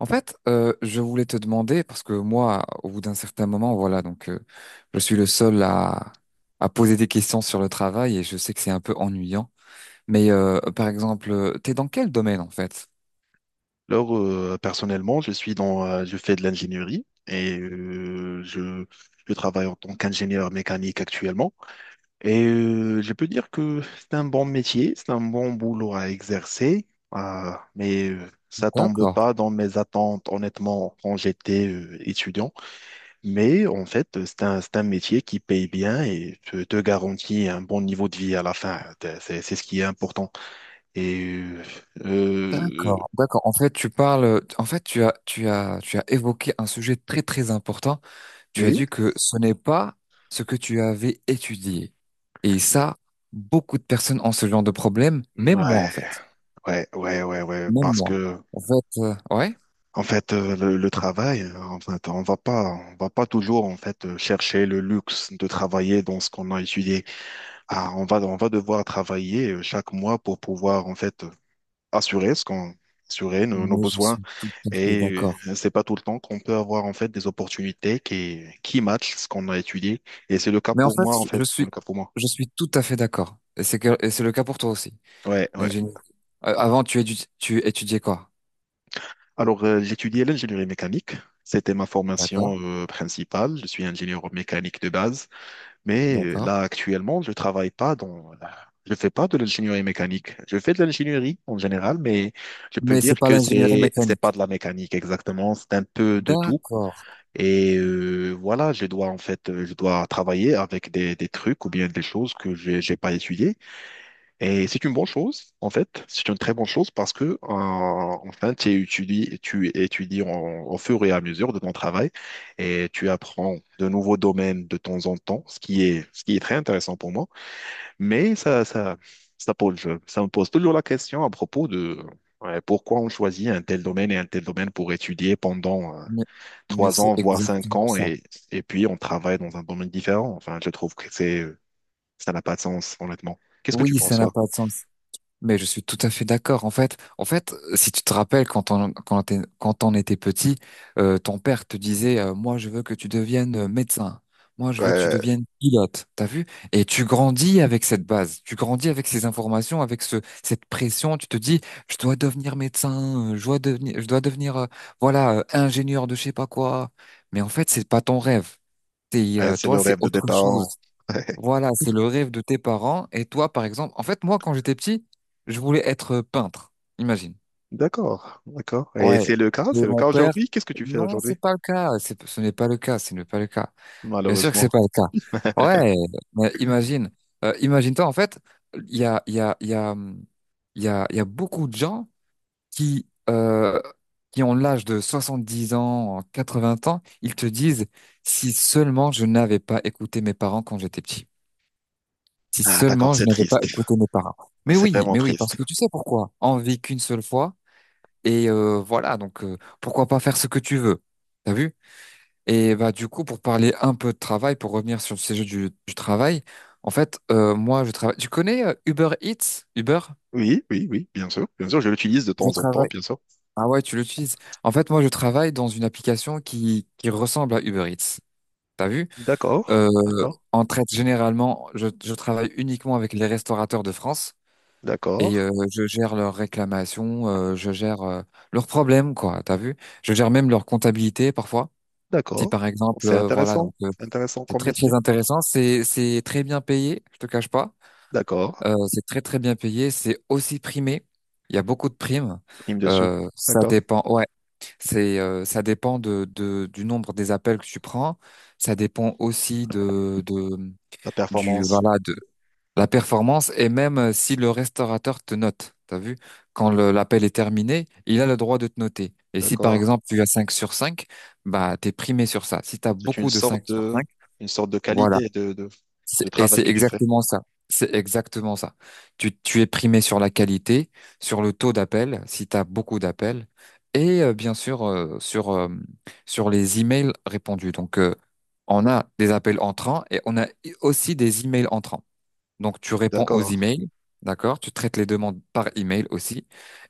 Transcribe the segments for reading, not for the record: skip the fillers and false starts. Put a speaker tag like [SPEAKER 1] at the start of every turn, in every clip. [SPEAKER 1] En fait, je voulais te demander, parce que moi, au bout d'un certain moment, voilà, donc je suis le seul à poser des questions sur le travail et je sais que c'est un peu ennuyant. Mais par exemple, t'es dans quel domaine en fait?
[SPEAKER 2] Alors, personnellement, je fais de l'ingénierie et je travaille en tant qu'ingénieur mécanique actuellement. Et je peux dire que c'est un bon métier, c'est un bon boulot à exercer, ah, mais ça tombe
[SPEAKER 1] D'accord,
[SPEAKER 2] pas dans mes attentes, honnêtement, quand j'étais étudiant. Mais en fait, c'est un métier qui paye bien et te garantit un bon niveau de vie à la fin. C'est ce qui est important. Et euh,
[SPEAKER 1] d'accord, d'accord. En fait, tu parles, en fait, tu as évoqué un sujet très très important. Tu as
[SPEAKER 2] oui.
[SPEAKER 1] dit que ce n'est pas ce que tu avais étudié. Et ça, beaucoup de personnes ont ce genre de problème, même moi en
[SPEAKER 2] Ouais.
[SPEAKER 1] fait,
[SPEAKER 2] Ouais, ouais, ouais, ouais,
[SPEAKER 1] même
[SPEAKER 2] parce
[SPEAKER 1] moi.
[SPEAKER 2] que
[SPEAKER 1] En fait, ouais.
[SPEAKER 2] en fait le travail, en fait, on va pas toujours en fait chercher le luxe de travailler dans ce qu'on a étudié. Ah, on va devoir travailler chaque mois pour pouvoir en fait assurer ce qu'on assurer nos
[SPEAKER 1] Mais je
[SPEAKER 2] besoins
[SPEAKER 1] suis tout à fait
[SPEAKER 2] et
[SPEAKER 1] d'accord.
[SPEAKER 2] c'est pas tout le temps qu'on peut avoir en fait des opportunités qui matchent ce qu'on a étudié et c'est le cas
[SPEAKER 1] Mais en
[SPEAKER 2] pour
[SPEAKER 1] fait,
[SPEAKER 2] moi en
[SPEAKER 1] je
[SPEAKER 2] fait, c'est
[SPEAKER 1] suis,
[SPEAKER 2] le cas pour moi.
[SPEAKER 1] je suis tout à fait d'accord. Et c'est le cas pour toi aussi.
[SPEAKER 2] Ouais, ouais.
[SPEAKER 1] L'ingénierie. Avant, tu étudiais quoi?
[SPEAKER 2] Alors, j'étudiais l'ingénierie mécanique. C'était ma
[SPEAKER 1] D'accord,
[SPEAKER 2] formation principale. Je suis ingénieur mécanique de base. Mais
[SPEAKER 1] d'accord.
[SPEAKER 2] là, actuellement, je travaille pas dans. Je fais pas de l'ingénierie mécanique. Je fais de l'ingénierie en général, mais je peux
[SPEAKER 1] Mais c'est
[SPEAKER 2] dire
[SPEAKER 1] pas
[SPEAKER 2] que
[SPEAKER 1] l'ingénierie
[SPEAKER 2] c'est
[SPEAKER 1] mécanique.
[SPEAKER 2] pas de la mécanique exactement. C'est un peu de tout.
[SPEAKER 1] D'accord.
[SPEAKER 2] Et voilà, je dois travailler avec des trucs ou bien des choses que j'ai pas étudiées. Et c'est une bonne chose, en fait. C'est une très bonne chose parce que enfin, tu étudies au fur et à mesure de ton travail et tu apprends de nouveaux domaines de temps en temps, ce qui est très intéressant pour moi. Mais ça pose, ça me pose toujours la question à propos de, ouais, pourquoi on choisit un tel domaine et un tel domaine pour étudier pendant
[SPEAKER 1] Mais, mais
[SPEAKER 2] trois
[SPEAKER 1] c'est
[SPEAKER 2] ans, voire cinq
[SPEAKER 1] exactement
[SPEAKER 2] ans
[SPEAKER 1] ça.
[SPEAKER 2] et puis on travaille dans un domaine différent. Enfin, je trouve que ça n'a pas de sens, honnêtement. Qu'est-ce que tu
[SPEAKER 1] Oui,
[SPEAKER 2] penses,
[SPEAKER 1] ça n'a
[SPEAKER 2] toi?
[SPEAKER 1] pas de sens. Mais je suis tout à fait d'accord. En fait, si tu te rappelles quand on était petit, ton père te disait, moi je veux que tu deviennes médecin. Moi je veux que tu
[SPEAKER 2] Ouais,
[SPEAKER 1] deviennes pilote. T'as vu? Et tu grandis avec cette base. Tu grandis avec ces informations, avec ce cette pression. Tu te dis, je dois devenir médecin. Je dois devenir, voilà, ingénieur de je sais pas quoi. Mais en fait, c'est pas ton rêve.
[SPEAKER 2] ouais, c'est
[SPEAKER 1] Toi,
[SPEAKER 2] le
[SPEAKER 1] c'est
[SPEAKER 2] rêve de tes
[SPEAKER 1] autre chose.
[SPEAKER 2] parents.
[SPEAKER 1] Voilà, c'est le rêve de tes parents. Et toi, par exemple, en fait, moi, quand j'étais petit, je voulais être peintre. Imagine.
[SPEAKER 2] D'accord, d'accord. Et
[SPEAKER 1] Ouais.
[SPEAKER 2] c'est le cas,
[SPEAKER 1] Et
[SPEAKER 2] c'est le
[SPEAKER 1] mon
[SPEAKER 2] cas
[SPEAKER 1] père,
[SPEAKER 2] aujourd'hui. Qu'est-ce que tu fais
[SPEAKER 1] non,
[SPEAKER 2] aujourd'hui?
[SPEAKER 1] c'est pas le cas. Ce n'est pas le cas. Ce n'est pas le cas. Bien sûr que c'est
[SPEAKER 2] Malheureusement.
[SPEAKER 1] pas le cas. Ouais. Mais imagine. Imagine-toi, en fait, il y a, il y a, il y a, il y a, il y a beaucoup de gens qui, euh, qui ont l'âge de 70 ans, 80 ans. Ils te disent, si seulement je n'avais pas écouté mes parents quand j'étais petit. Si
[SPEAKER 2] Ah, d'accord,
[SPEAKER 1] seulement je
[SPEAKER 2] c'est
[SPEAKER 1] n'avais pas
[SPEAKER 2] triste.
[SPEAKER 1] écouté mes parents.
[SPEAKER 2] C'est vraiment
[SPEAKER 1] Mais oui, parce
[SPEAKER 2] triste.
[SPEAKER 1] que tu sais pourquoi? On vit qu'une seule fois et voilà, donc pourquoi pas faire ce que tu veux? T'as vu? Et bah du coup, pour parler un peu de travail, pour revenir sur le sujet du travail, en fait, moi je travaille. Tu connais Uber Eats? Uber?
[SPEAKER 2] Oui, oui, oui, bien sûr. Bien sûr, je l'utilise de
[SPEAKER 1] Je
[SPEAKER 2] temps en temps,
[SPEAKER 1] travaille.
[SPEAKER 2] bien sûr.
[SPEAKER 1] Ah ouais, tu l'utilises. En fait, moi je travaille dans une application qui ressemble à Uber Eats. T'as vu?
[SPEAKER 2] D'accord,
[SPEAKER 1] Euh,
[SPEAKER 2] d'accord,
[SPEAKER 1] on traite généralement. Je travaille uniquement avec les restaurateurs de France. Et
[SPEAKER 2] d'accord,
[SPEAKER 1] je gère leurs réclamations, je gère leurs problèmes, quoi, t'as vu? Je gère même leur comptabilité parfois. Si
[SPEAKER 2] d'accord.
[SPEAKER 1] par exemple, voilà, donc
[SPEAKER 2] C'est intéressant
[SPEAKER 1] c'est
[SPEAKER 2] comme
[SPEAKER 1] très très
[SPEAKER 2] métier.
[SPEAKER 1] intéressant, c'est très bien payé, je te cache pas.
[SPEAKER 2] D'accord.
[SPEAKER 1] C'est très très bien payé, c'est aussi primé. Il y a beaucoup de primes.
[SPEAKER 2] Prime dessus.
[SPEAKER 1] Ça
[SPEAKER 2] D'accord.
[SPEAKER 1] dépend, ouais, c'est ça dépend de du nombre des appels que tu prends. Ça dépend aussi de
[SPEAKER 2] La
[SPEAKER 1] du
[SPEAKER 2] performance.
[SPEAKER 1] voilà la performance, et même si le restaurateur te note, t'as vu, quand l'appel est terminé, il a le droit de te noter. Et si par
[SPEAKER 2] D'accord.
[SPEAKER 1] exemple tu as cinq sur 5, bah t'es primé sur ça. Si tu as
[SPEAKER 2] C'est une
[SPEAKER 1] beaucoup de 5
[SPEAKER 2] sorte
[SPEAKER 1] sur
[SPEAKER 2] de,
[SPEAKER 1] 5,
[SPEAKER 2] une sorte de
[SPEAKER 1] voilà.
[SPEAKER 2] qualité de, de, de
[SPEAKER 1] Et
[SPEAKER 2] travail
[SPEAKER 1] c'est
[SPEAKER 2] que tu fais.
[SPEAKER 1] exactement ça. C'est exactement ça. Tu es primé sur la qualité, sur le taux d'appel, si tu as beaucoup d'appels, et bien sûr sur, sur les emails répondus. Donc on a des appels entrants et on a aussi des emails entrants. Donc, tu réponds aux
[SPEAKER 2] D'accord.
[SPEAKER 1] emails, d'accord? Tu traites les demandes par email aussi.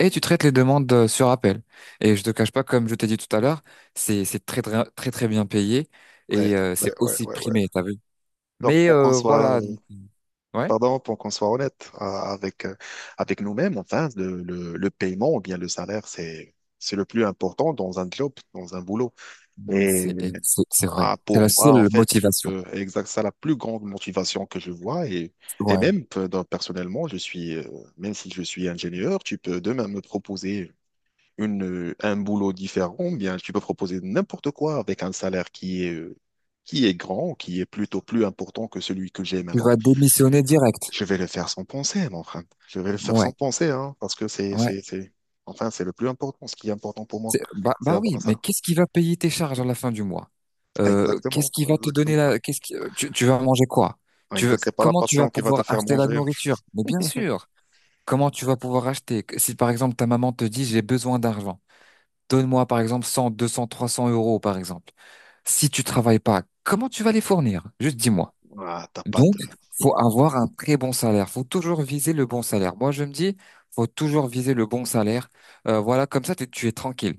[SPEAKER 1] Et tu traites les demandes sur appel. Et je te cache pas, comme je t'ai dit tout à l'heure, c'est très, très, très, très bien payé.
[SPEAKER 2] Ouais,
[SPEAKER 1] Et
[SPEAKER 2] ouais,
[SPEAKER 1] c'est
[SPEAKER 2] ouais,
[SPEAKER 1] aussi
[SPEAKER 2] ouais, ouais.
[SPEAKER 1] primé, t'as vu?
[SPEAKER 2] Alors,
[SPEAKER 1] Mais
[SPEAKER 2] pour qu'on soit,
[SPEAKER 1] voilà,
[SPEAKER 2] euh,
[SPEAKER 1] donc, ouais.
[SPEAKER 2] pardon, pour qu'on soit honnête avec nous-mêmes, enfin, le paiement ou bien le salaire, c'est le plus important dans un job, dans un boulot. Et
[SPEAKER 1] Et c'est vrai.
[SPEAKER 2] ah,
[SPEAKER 1] C'est
[SPEAKER 2] pour
[SPEAKER 1] la
[SPEAKER 2] moi, en
[SPEAKER 1] seule
[SPEAKER 2] fait, je
[SPEAKER 1] motivation.
[SPEAKER 2] peux, exact, ça la plus grande motivation que je vois. Et
[SPEAKER 1] Ouais.
[SPEAKER 2] même, personnellement, même si je suis ingénieur, tu peux demain me proposer un boulot différent, bien, tu peux proposer n'importe quoi avec un salaire qui est grand, qui est plutôt plus important que celui que j'ai
[SPEAKER 1] Tu
[SPEAKER 2] maintenant.
[SPEAKER 1] vas démissionner direct.
[SPEAKER 2] Je vais le faire sans penser, mon frère. Je vais le faire
[SPEAKER 1] Ouais.
[SPEAKER 2] sans penser, hein, parce que
[SPEAKER 1] Ouais.
[SPEAKER 2] enfin, c'est le plus important. Ce qui est important pour moi,
[SPEAKER 1] Bah,
[SPEAKER 2] c'est
[SPEAKER 1] bah
[SPEAKER 2] avoir un
[SPEAKER 1] oui, mais
[SPEAKER 2] salaire.
[SPEAKER 1] qu'est-ce qui va payer tes charges à la fin du mois? Qu'est-ce
[SPEAKER 2] Exactement,
[SPEAKER 1] qui va te donner
[SPEAKER 2] exactement.
[SPEAKER 1] la, qu'est-ce qui, tu vas manger quoi?
[SPEAKER 2] Exact. C'est pas la
[SPEAKER 1] Comment tu vas
[SPEAKER 2] passion qui va te
[SPEAKER 1] pouvoir
[SPEAKER 2] faire
[SPEAKER 1] acheter la
[SPEAKER 2] manger.
[SPEAKER 1] nourriture? Mais bien sûr, comment tu vas pouvoir acheter? Si par exemple ta maman te dit j'ai besoin d'argent, donne-moi par exemple 100, 200, 300 € par exemple. Si tu travailles pas, comment tu vas les fournir? Juste dis-moi.
[SPEAKER 2] Ah, ta
[SPEAKER 1] Donc,
[SPEAKER 2] pâte.
[SPEAKER 1] faut avoir un très bon salaire. Faut toujours viser le bon salaire. Moi, je me dis, faut toujours viser le bon salaire. Voilà, comme ça, tu es tranquille.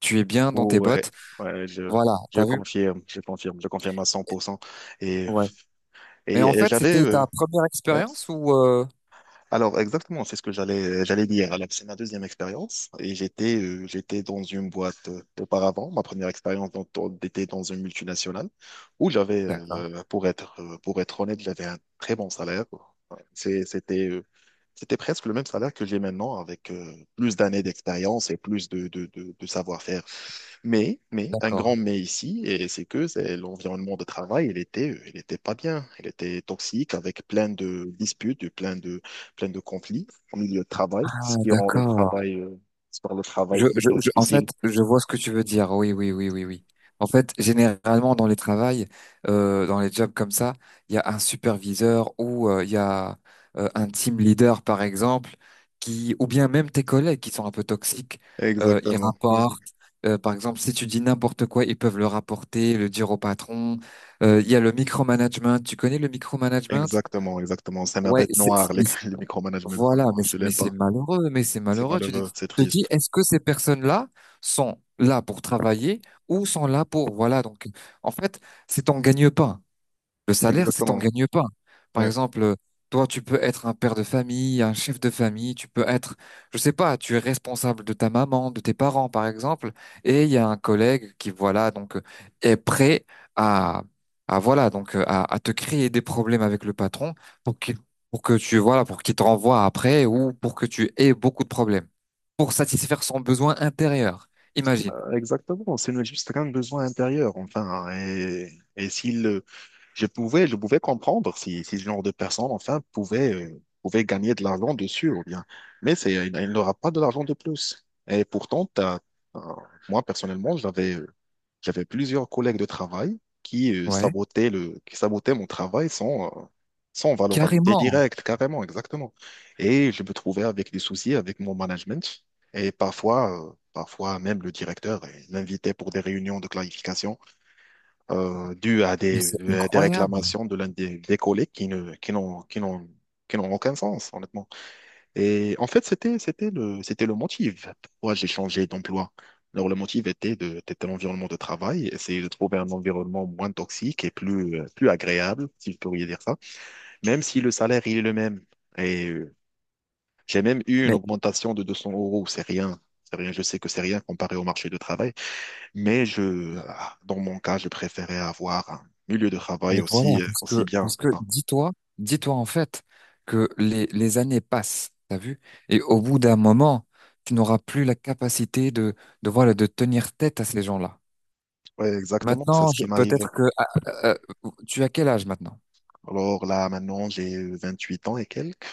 [SPEAKER 1] Tu es bien dans tes
[SPEAKER 2] Ouais,
[SPEAKER 1] bottes.
[SPEAKER 2] ouais, je,
[SPEAKER 1] Voilà,
[SPEAKER 2] je
[SPEAKER 1] t'as vu?
[SPEAKER 2] confirme, je confirme, je confirme à 100%. Et,
[SPEAKER 1] Ouais. Et
[SPEAKER 2] et,
[SPEAKER 1] en
[SPEAKER 2] et
[SPEAKER 1] fait,
[SPEAKER 2] j'allais,
[SPEAKER 1] c'était ta première
[SPEAKER 2] ouais,
[SPEAKER 1] expérience ou,
[SPEAKER 2] alors exactement, c'est ce que j'allais dire. Alors, c'est ma deuxième expérience et j'étais dans une boîte auparavant. Ma première expérience était dans une multinationale où j'avais
[SPEAKER 1] d'accord,
[SPEAKER 2] pour être honnête, j'avais un très bon salaire. C'est- C'était euh, c'était presque le même salaire que j'ai maintenant avec plus d'années d'expérience et plus de savoir-faire, un grand
[SPEAKER 1] d'accord.
[SPEAKER 2] mais ici, et c'est que c'est l'environnement de travail, il était pas bien, il était toxique avec plein de disputes, et plein de conflits au milieu de travail,
[SPEAKER 1] Ah,
[SPEAKER 2] ce qui rend le
[SPEAKER 1] d'accord.
[SPEAKER 2] travail, ce qui rend le travail plutôt
[SPEAKER 1] En
[SPEAKER 2] difficile.
[SPEAKER 1] fait, je vois ce que tu veux dire. Oui, oui, oui, oui, oui. En fait, généralement, dans les travails, dans les jobs comme ça, il y a un superviseur ou il y a un team leader, par exemple, qui, ou bien même tes collègues qui sont un peu toxiques, ils
[SPEAKER 2] Exactement,
[SPEAKER 1] rapportent. Par exemple, si tu dis n'importe quoi, ils peuvent le rapporter, le dire au patron. Il y a le micromanagement. Tu connais le micromanagement?
[SPEAKER 2] exactement, exactement. C'est ma
[SPEAKER 1] Ouais,
[SPEAKER 2] bête
[SPEAKER 1] c'est,
[SPEAKER 2] noire, le micromanagement.
[SPEAKER 1] voilà,
[SPEAKER 2] Non, je
[SPEAKER 1] mais
[SPEAKER 2] l'aime
[SPEAKER 1] c'est
[SPEAKER 2] pas.
[SPEAKER 1] malheureux, mais c'est
[SPEAKER 2] C'est
[SPEAKER 1] malheureux. Tu te
[SPEAKER 2] malheureux,
[SPEAKER 1] dis,
[SPEAKER 2] c'est
[SPEAKER 1] tu te dis,
[SPEAKER 2] triste.
[SPEAKER 1] est-ce que ces personnes-là sont là pour travailler ou sont là pour, voilà, donc, en fait, c'est ton gagne-pain. Le salaire, c'est t'en
[SPEAKER 2] Exactement.
[SPEAKER 1] gagnes pas. Par
[SPEAKER 2] Ouais.
[SPEAKER 1] exemple, toi, tu peux être un père de famille, un chef de famille, tu peux être, je sais pas, tu es responsable de ta maman, de tes parents, par exemple, et il y a un collègue qui, voilà, donc, est prêt à, à voilà, donc, à te créer des problèmes avec le patron pour qu'il, pour que tu, voilà, pour qu'il te renvoie après ou pour que tu aies beaucoup de problèmes pour satisfaire son besoin intérieur. Imagine.
[SPEAKER 2] Exactement. C'est juste un besoin intérieur, enfin. Je pouvais comprendre si ce genre de personne, enfin, pouvait gagner de l'argent dessus ou bien. Mais il n'aura pas de l'argent de plus. Et pourtant, euh, moi, personnellement, j'avais plusieurs collègues de travail qui, euh,
[SPEAKER 1] Ouais.
[SPEAKER 2] sabotaient le, qui sabotaient mon travail sans valeur ajoutée
[SPEAKER 1] Carrément.
[SPEAKER 2] directe, carrément, exactement. Et je me trouvais avec des soucis avec mon management. Et parfois même le directeur m'invitait pour des réunions de clarification dû à
[SPEAKER 1] Mais
[SPEAKER 2] des,
[SPEAKER 1] c'est
[SPEAKER 2] à des
[SPEAKER 1] incroyable.
[SPEAKER 2] réclamations de l'un des collègues qui ne, qui n'ont, qui n'ont, qui n'ont aucun sens, honnêtement. Et en fait, c'était le motif pourquoi j'ai changé d'emploi. Alors, le motif était l'environnement de travail, essayer de trouver un environnement moins toxique et plus agréable, si je pourrais dire ça, même si le salaire, il est le même. Et j'ai même eu une
[SPEAKER 1] Mais.
[SPEAKER 2] augmentation de 200 euros, c'est rien. C'est rien, je sais que c'est rien comparé au marché de travail. Mais dans mon cas, je préférais avoir un milieu de
[SPEAKER 1] Mais
[SPEAKER 2] travail
[SPEAKER 1] voilà,
[SPEAKER 2] aussi, euh,
[SPEAKER 1] parce que,
[SPEAKER 2] aussi bien.
[SPEAKER 1] parce que
[SPEAKER 2] Enfin,
[SPEAKER 1] dis-toi, dis-toi en fait que les années passent, t'as vu? Et au bout d'un moment, tu n'auras plus la capacité de, voilà, de tenir tête à ces gens-là.
[SPEAKER 2] ouais, exactement, c'est
[SPEAKER 1] Maintenant,
[SPEAKER 2] ce qui
[SPEAKER 1] peut-être
[SPEAKER 2] m'arrivait.
[SPEAKER 1] que, tu as quel âge maintenant?
[SPEAKER 2] Alors là, maintenant, j'ai 28 ans et quelques.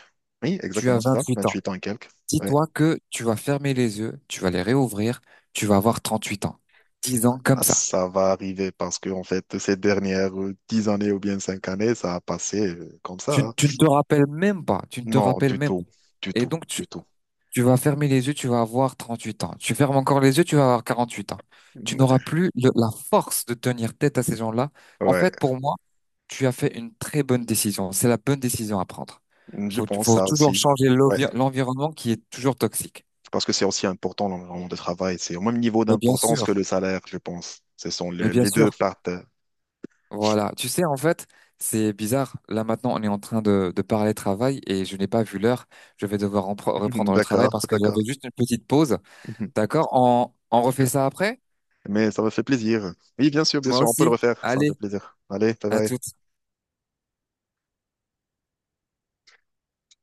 [SPEAKER 2] Oui,
[SPEAKER 1] Tu as
[SPEAKER 2] exactement, c'est ça,
[SPEAKER 1] 28
[SPEAKER 2] vingt
[SPEAKER 1] ans.
[SPEAKER 2] huit ans et quelques. Ouais.
[SPEAKER 1] Dis-toi que tu vas fermer les yeux, tu vas les réouvrir, tu vas avoir 38 ans. 10 ans
[SPEAKER 2] Ah,
[SPEAKER 1] comme ça.
[SPEAKER 2] ça va arriver parce que, en fait, ces dernières 10 années ou bien 5 années, ça a passé comme ça,
[SPEAKER 1] Tu,
[SPEAKER 2] hein.
[SPEAKER 1] tu ne te rappelles même pas, tu ne te
[SPEAKER 2] Non,
[SPEAKER 1] rappelles
[SPEAKER 2] du
[SPEAKER 1] même pas.
[SPEAKER 2] tout, du
[SPEAKER 1] Et
[SPEAKER 2] tout,
[SPEAKER 1] donc, tu
[SPEAKER 2] du tout.
[SPEAKER 1] Tu vas fermer les yeux, tu vas avoir 38 ans. Tu fermes encore les yeux, tu vas avoir 48 ans. Tu n'auras plus la force de tenir tête à ces gens-là. En
[SPEAKER 2] Ouais,
[SPEAKER 1] fait, pour moi, tu as fait une très bonne décision. C'est la bonne décision à prendre.
[SPEAKER 2] je
[SPEAKER 1] Faut,
[SPEAKER 2] pense
[SPEAKER 1] faut
[SPEAKER 2] ça
[SPEAKER 1] toujours
[SPEAKER 2] aussi.
[SPEAKER 1] changer
[SPEAKER 2] Ouais,
[SPEAKER 1] l'environnement qui est toujours toxique.
[SPEAKER 2] parce que c'est aussi important l'environnement de travail. C'est au même niveau
[SPEAKER 1] Mais bien
[SPEAKER 2] d'importance
[SPEAKER 1] sûr,
[SPEAKER 2] que le salaire, je pense. Ce sont
[SPEAKER 1] mais
[SPEAKER 2] les,
[SPEAKER 1] bien
[SPEAKER 2] les deux
[SPEAKER 1] sûr.
[SPEAKER 2] parties.
[SPEAKER 1] Voilà. Tu sais, en fait, c'est bizarre. Là, maintenant, on est en train de parler travail et je n'ai pas vu l'heure. Je vais devoir reprendre le travail
[SPEAKER 2] D'accord,
[SPEAKER 1] parce que j'avais
[SPEAKER 2] d'accord.
[SPEAKER 1] juste une petite pause. D'accord? On refait
[SPEAKER 2] D'accord.
[SPEAKER 1] ça après?
[SPEAKER 2] Mais ça me fait plaisir. Oui, bien
[SPEAKER 1] Moi
[SPEAKER 2] sûr, on peut le
[SPEAKER 1] aussi.
[SPEAKER 2] refaire. Ça me
[SPEAKER 1] Allez.
[SPEAKER 2] fait plaisir. Allez, bye
[SPEAKER 1] à
[SPEAKER 2] bye.
[SPEAKER 1] tout